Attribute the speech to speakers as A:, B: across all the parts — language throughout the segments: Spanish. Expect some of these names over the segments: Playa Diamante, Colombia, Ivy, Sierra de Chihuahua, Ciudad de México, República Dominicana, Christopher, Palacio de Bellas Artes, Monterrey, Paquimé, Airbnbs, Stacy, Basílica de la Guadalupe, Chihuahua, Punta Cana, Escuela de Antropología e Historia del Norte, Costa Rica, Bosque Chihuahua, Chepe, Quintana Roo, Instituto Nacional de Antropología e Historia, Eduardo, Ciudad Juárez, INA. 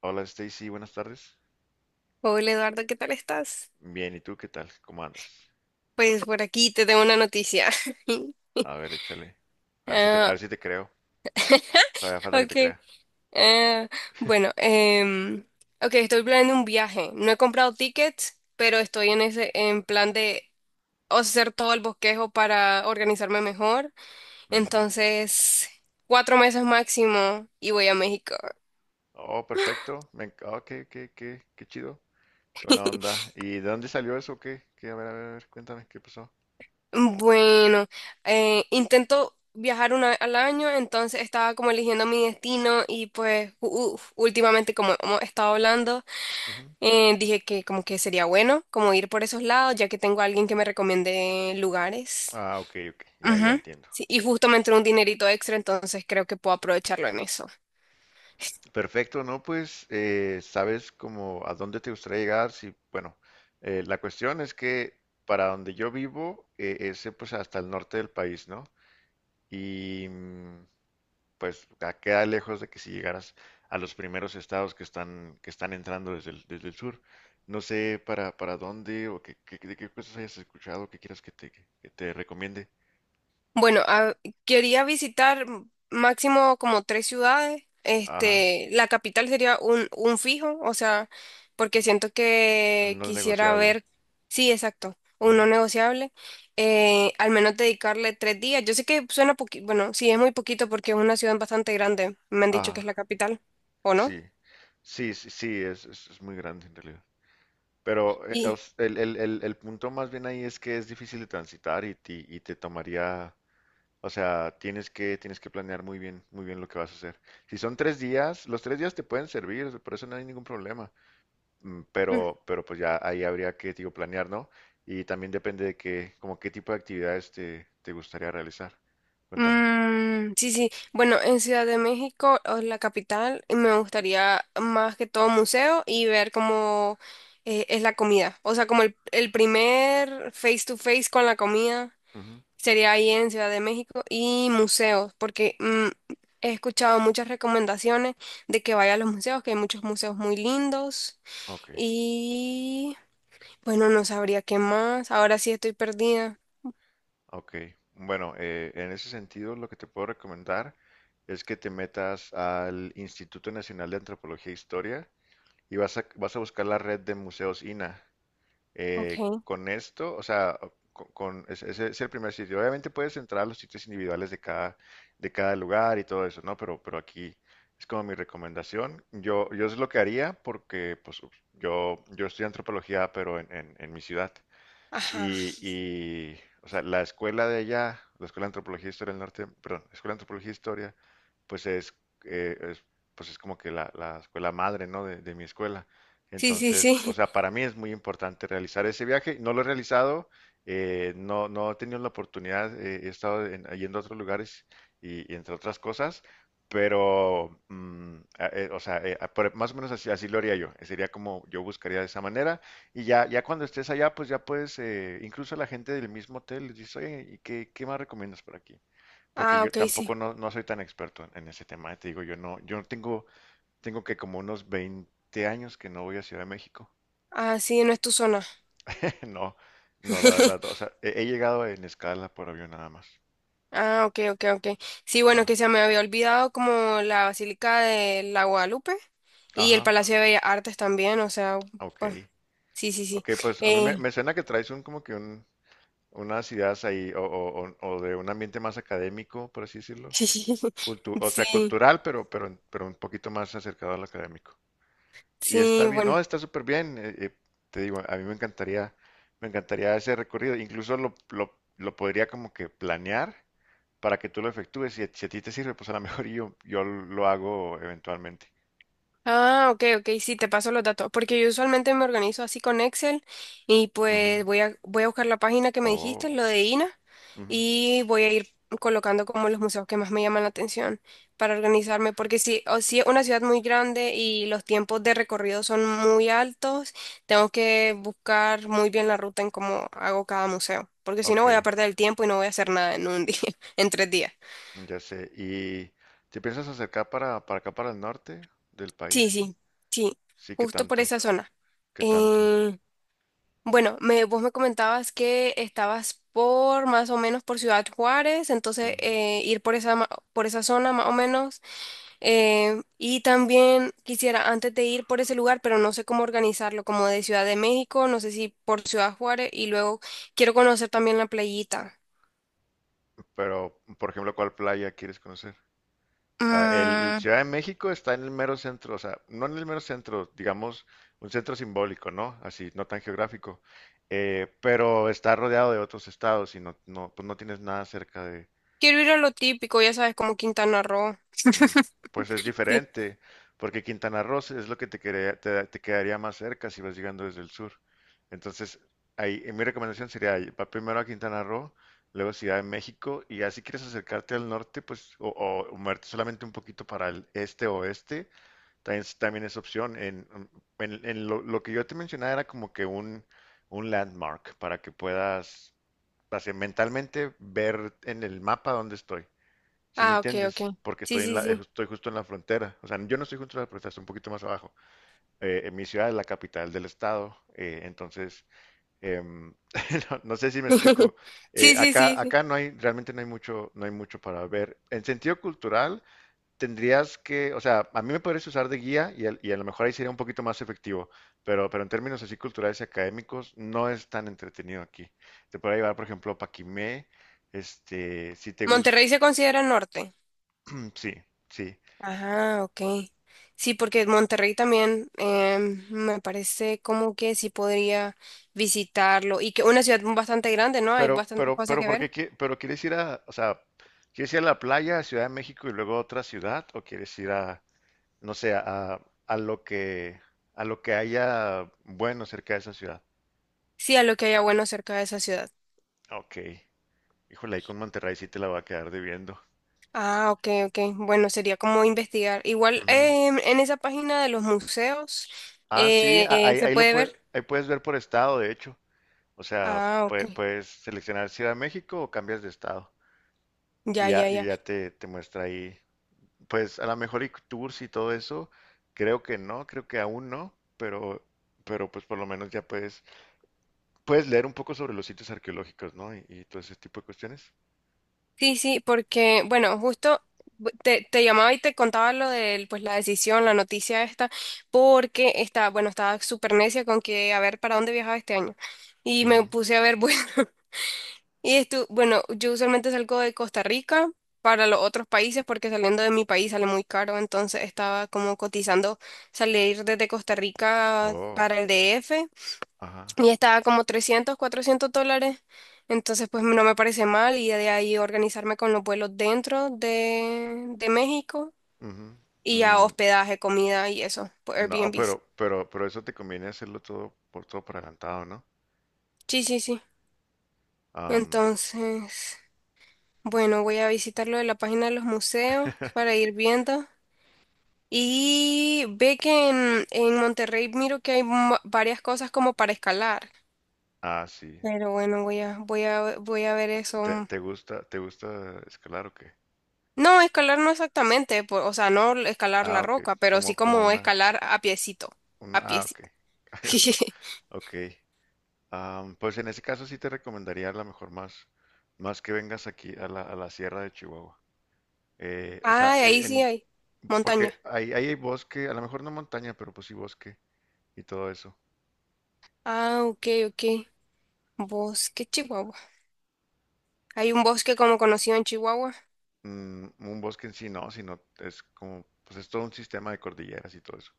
A: Hola Stacy, buenas tardes.
B: Hola Eduardo, ¿qué tal estás?
A: Bien, ¿y tú qué tal? ¿Cómo andas?
B: Pues por aquí te tengo una noticia.
A: A ver, échale. A
B: Ah,
A: ver si te creo. Todavía falta que te
B: ok.
A: crea.
B: Ah, bueno, em, ok, estoy planeando un viaje. No he comprado tickets, pero estoy en en plan de hacer todo el bosquejo para organizarme mejor.
A: Ujú.
B: Entonces, cuatro meses máximo y voy a México.
A: Oh, perfecto. Oh, qué chido. Qué buena onda. ¿Y de dónde salió eso? ¿Qué? ¿Qué? A ver, a ver, a ver, cuéntame, ¿qué pasó?
B: Bueno, intento viajar una vez al año, entonces estaba como eligiendo mi destino y pues últimamente como hemos estado hablando.
A: Ujú.
B: Dije que como que sería bueno como ir por esos lados, ya que tengo a alguien que me recomiende lugares.
A: Ah, ok, ok. Ya, ya
B: Ujú.
A: entiendo.
B: Sí, y justo me entró un dinerito extra, entonces creo que puedo aprovecharlo en eso.
A: Perfecto, ¿no? Pues, ¿sabes como a dónde te gustaría llegar? Sí, bueno, la cuestión es que para donde yo vivo es pues hasta el norte del país, ¿no? Y pues queda lejos de que si llegaras a los primeros estados que están entrando desde el sur. No sé para dónde o de qué cosas hayas escuchado que quieras que te recomiende.
B: Bueno, a- quería visitar máximo como tres ciudades.
A: Ajá,
B: Este, la capital sería un fijo, o sea, porque siento que
A: no es
B: quisiera
A: negociable.
B: ver, sí, exacto, un
A: Ujú.
B: no negociable. Al menos dedicarle tres días. Yo sé que suena poquito, bueno, sí, es muy poquito porque es una ciudad bastante grande. Me han dicho que es la
A: Ajá,
B: capital, ¿o no?
A: sí, sí, sí, sí, es muy grande en realidad. Pero
B: Y,
A: el punto más bien ahí es que es difícil de transitar y te tomaría. O sea, tienes que planear muy bien lo que vas a hacer. Si son 3 días, los 3 días te pueden servir, por eso no hay ningún problema. Pero pues ya ahí habría que, digo, planear, ¿no? Y también depende de qué, como qué tipo de actividades te gustaría realizar. Cuéntame.
B: Mm, sí, sí. Bueno, en Ciudad de México, o la capital, me gustaría más que todo museo y ver cómo es la comida. O sea, como el primer face to face con la comida
A: Ujú.
B: sería ahí en Ciudad de México y museos, porque he escuchado muchas recomendaciones de que vaya a los museos, que hay muchos museos muy lindos
A: Ok,
B: y bueno, no sabría qué más. Ahora sí estoy perdida.
A: ok. Bueno, en ese sentido, lo que te puedo recomendar es que te metas al Instituto Nacional de Antropología e Historia y vas a buscar la red de museos INAH.
B: Ok.
A: Con esto, o sea, ese es el primer sitio. Obviamente puedes entrar a los sitios individuales de cada lugar y todo eso, ¿no? Pero aquí es como mi recomendación. Yo es lo que haría porque, pues, yo estudio antropología, pero en mi ciudad.
B: Ajá.
A: Y, o sea, la escuela de allá, la Escuela de Antropología e Historia del Norte, perdón, Escuela de Antropología e Historia, pues eh, es- es como que la escuela madre, ¿no? De mi escuela.
B: Sí, sí,
A: Entonces, o
B: sí.
A: sea, para mí es muy importante realizar ese viaje. No lo he realizado, no, no he tenido la oportunidad, he estado yendo a otros lugares y entre otras cosas, pero, o sea, más o menos así, así lo haría yo. Sería como yo buscaría de esa manera. Y ya, ya cuando estés allá, pues ya puedes, incluso la gente del mismo hotel les dice, oye, ¿y qué más recomiendas por aquí? Porque
B: Ah,
A: yo
B: ok, sí.
A: tampoco no, no soy tan experto en ese tema, te digo, yo no tengo que como unos 20 años que no voy a Ciudad de México.
B: Ah, sí, no es tu zona.
A: No, no, la verdad, o sea, he llegado en escala por avión nada más.
B: Ah, ok, ok, ok. Sí, bueno,
A: Ajá,
B: que se me había olvidado como la Basílica de la Guadalupe y el
A: ajá,
B: Palacio de Bellas Artes también, o sea, pues,
A: ok.
B: sí, sí, sí.
A: Ok, pues a mí me,
B: Eh,
A: me suena que traes un como que unas ideas ahí o de un ambiente más académico, por así decirlo.
B: sí, sí,
A: O sea, cultural, pero, pero un poquito más acercado al académico. Y está
B: sí,
A: bien, no,
B: bueno.
A: está súper bien. Te digo, a mí me encantaría ese recorrido. Incluso lo podría como que planear para que tú lo efectúes. Si a ti te sirve, pues a lo mejor yo lo hago eventualmente.
B: Ah, ok, ok, sí, te paso los datos, porque yo usualmente me organizo así con Excel y
A: Ujú.
B: pues voy a buscar la página que me dijiste,
A: Oh,
B: lo de INA,
A: ujú.
B: y voy a ir colocando como los museos que más me llaman la atención para organizarme, porque si, o si es una ciudad muy grande y los tiempos de recorrido son muy altos, tengo que buscar muy bien la ruta en cómo hago cada museo, porque si no
A: Ok,
B: voy a perder el tiempo y no voy a hacer nada en un día, en tres días.
A: ya sé. ¿Y te piensas acercar para acá, para el norte del
B: Sí,
A: país?
B: sí, sí,
A: Sí, ¿qué
B: justo por
A: tanto?
B: esa zona.
A: ¿Qué tanto?
B: Eh, Bueno, me, vos me comentabas que estabas por más o menos por Ciudad Juárez, entonces
A: Ujú.
B: ir por por esa zona más o menos. Y también quisiera antes de ir por ese lugar, pero no sé cómo organizarlo, como de Ciudad de México, no sé si por Ciudad Juárez y luego quiero conocer también la playita.
A: Pero, por ejemplo, ¿cuál playa quieres conocer? Ah, el
B: Mm,
A: Ciudad de México está en el mero centro, o sea, no en el mero centro, digamos, un centro simbólico, ¿no? Así, no tan geográfico, pero está rodeado de otros estados y no, no, pues no tienes nada cerca de.
B: Quiero ir a lo típico, ya sabes, como Quintana Roo.
A: mm, pues es
B: Sí.
A: diferente, porque Quintana Roo es lo que te quedaría más cerca si vas llegando desde el sur. Entonces, ahí, mi recomendación sería, ahí, va primero a Quintana Roo, luego Ciudad de México, y ya si quieres acercarte al norte, pues, o moverte solamente un poquito para el este o oeste. También es opción. En lo que yo te mencionaba era como que un landmark para que puedas así, mentalmente ver en el mapa dónde estoy. ¿Sí me
B: Ah, ok, ok.
A: entiendes? Porque
B: Sí, sí, sí.
A: estoy justo en la frontera. O sea, yo no estoy justo en la frontera, estoy un poquito más abajo. En mi ciudad es la capital del estado. Entonces, em, no, no sé si me explico. Eh,
B: Sí, sí, sí,
A: acá,
B: sí.
A: acá no hay, realmente no hay mucho, no hay mucho para ver. En sentido cultural, tendrías que, o sea, a mí me podrías usar de guía y a lo mejor ahí sería un poquito más efectivo, pero en términos así culturales y académicos no es tan entretenido aquí. Te podría llevar, por ejemplo, a Paquimé, este, si te gusta.
B: Monterrey se considera norte.
A: Sí, sí,
B: Ajá, ok. Sí, porque Monterrey también me parece como que sí podría visitarlo y que una ciudad bastante grande, ¿no? Hay
A: pero,
B: bastante
A: pero,
B: cosas
A: pero,
B: que ver.
A: pero quieres ir a, o sea, quieres ir a la playa, a Ciudad de México y luego a otra ciudad o quieres ir a, no sé, a lo que, a lo que haya bueno cerca de esa ciudad?
B: Sí, a lo que haya bueno cerca de esa ciudad.
A: Ok, híjole, ahí con Monterrey sí te la va a quedar debiendo.
B: Ah, ok, ok. Bueno, sería como investigar. Igual
A: Ujú.
B: en esa página de los museos
A: Ah, sí,
B: se puede ver.
A: ahí puedes ver por estado, de hecho. O sea,
B: Ah, ok.
A: puedes seleccionar si de México o cambias de estado. Y
B: Ya,
A: ya,
B: ya, ya.
A: y ya te muestra ahí. Pues a lo mejor y tours y todo eso, creo que no, creo que aún no, pero pues por lo menos ya puedes, puedes leer un poco sobre los sitios arqueológicos, ¿no? Y todo ese tipo de cuestiones.
B: Sí, sí, porque, bueno, te, te llamaba y te contaba lo de, pues, la decisión, la noticia esta, porque estaba, bueno, estaba súper necia con que a ver para dónde viajaba este año. Y me
A: Ujú.
B: puse a ver, bueno, y esto, bueno, yo usualmente salgo de Costa Rica para los otros países porque saliendo de mi país sale muy caro, entonces estaba como cotizando salir desde Costa Rica
A: Oh,
B: para el DF
A: ajá.
B: y estaba como 300 o 400 dólares. Entonces, pues no me parece mal y de ahí organizarme con los vuelos dentro de México
A: Ujú.
B: y ya
A: Mm,
B: hospedaje, comida y eso, por
A: no,
B: Airbnbs.
A: pero, pero, pero eso te conviene hacerlo todo por todo por adelantado, ¿no?
B: Sí, sí, sí.
A: Am,
B: Entonces, bueno, voy a visitar lo de la página de los museos para ir viendo. Y ve que en Monterrey miro que hay varias cosas como para escalar.
A: ah, sí.
B: Pero bueno, voy a ver eso.
A: ¿Te gusta, te gusta, escalar o qué?
B: No, escalar no exactamente, o sea, no escalar
A: Ah,
B: la
A: ok.
B: roca, pero sí
A: Como
B: como
A: una,
B: escalar a piecito, a
A: ah, ok.
B: piecito.
A: Ok. Pues en ese caso sí te recomendaría a lo mejor más, más que vengas aquí a a la Sierra de Chihuahua. O sea,
B: Ay, ahí sí hay montaña.
A: porque ahí hay bosque, a lo mejor no montaña, pero pues sí bosque y todo eso.
B: Ah, ok, ok. Bosque Chihuahua. Hay un bosque como conocido en Chihuahua.
A: Un bosque en sí no, sino es como, pues es todo un sistema de cordilleras y todo eso.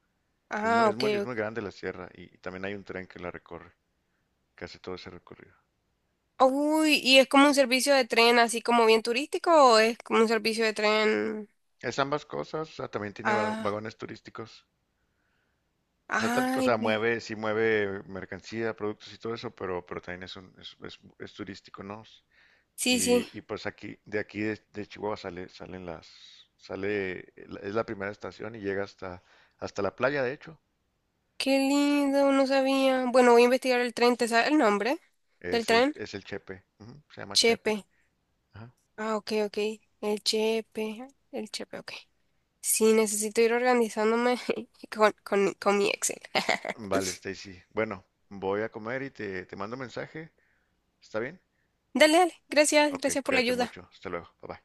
A: Es muy,
B: Ah,
A: es
B: ok,
A: muy, es
B: ok.
A: muy grande la sierra y también hay un tren que la recorre, que hace todo ese recorrido.
B: Uy, ¿y es como un servicio de tren así como bien turístico o es como un servicio de tren?
A: Es ambas cosas, o sea, también tiene
B: Ah,
A: vagones turísticos. O sea, o
B: ay,
A: sea,
B: ve.
A: mueve, sí mueve mercancía, productos y todo eso, pero también es, un, es turístico, ¿no?
B: Sí, sí.
A: Y pues aquí, de aquí de Chihuahua sale, salen las, sale, es la primera estación y llega hasta la playa, de hecho.
B: Qué lindo, no sabía. Bueno, voy a investigar el tren, ¿te sabes el nombre del
A: Es el,
B: tren?
A: es el Chepe, ujú, se llama Chepe.
B: Chepe.
A: Ajá.
B: Ah, ok, ok. El chepe, el chepe, ok. Sí, necesito ir organizándome con mi Excel.
A: Vale, Stacy. Bueno, voy a comer y te mando mensaje. ¿Está bien?
B: Dale, dale, gracias,
A: Ok,
B: gracias por la
A: cuídate
B: ayuda.
A: mucho. Hasta luego. Bye bye.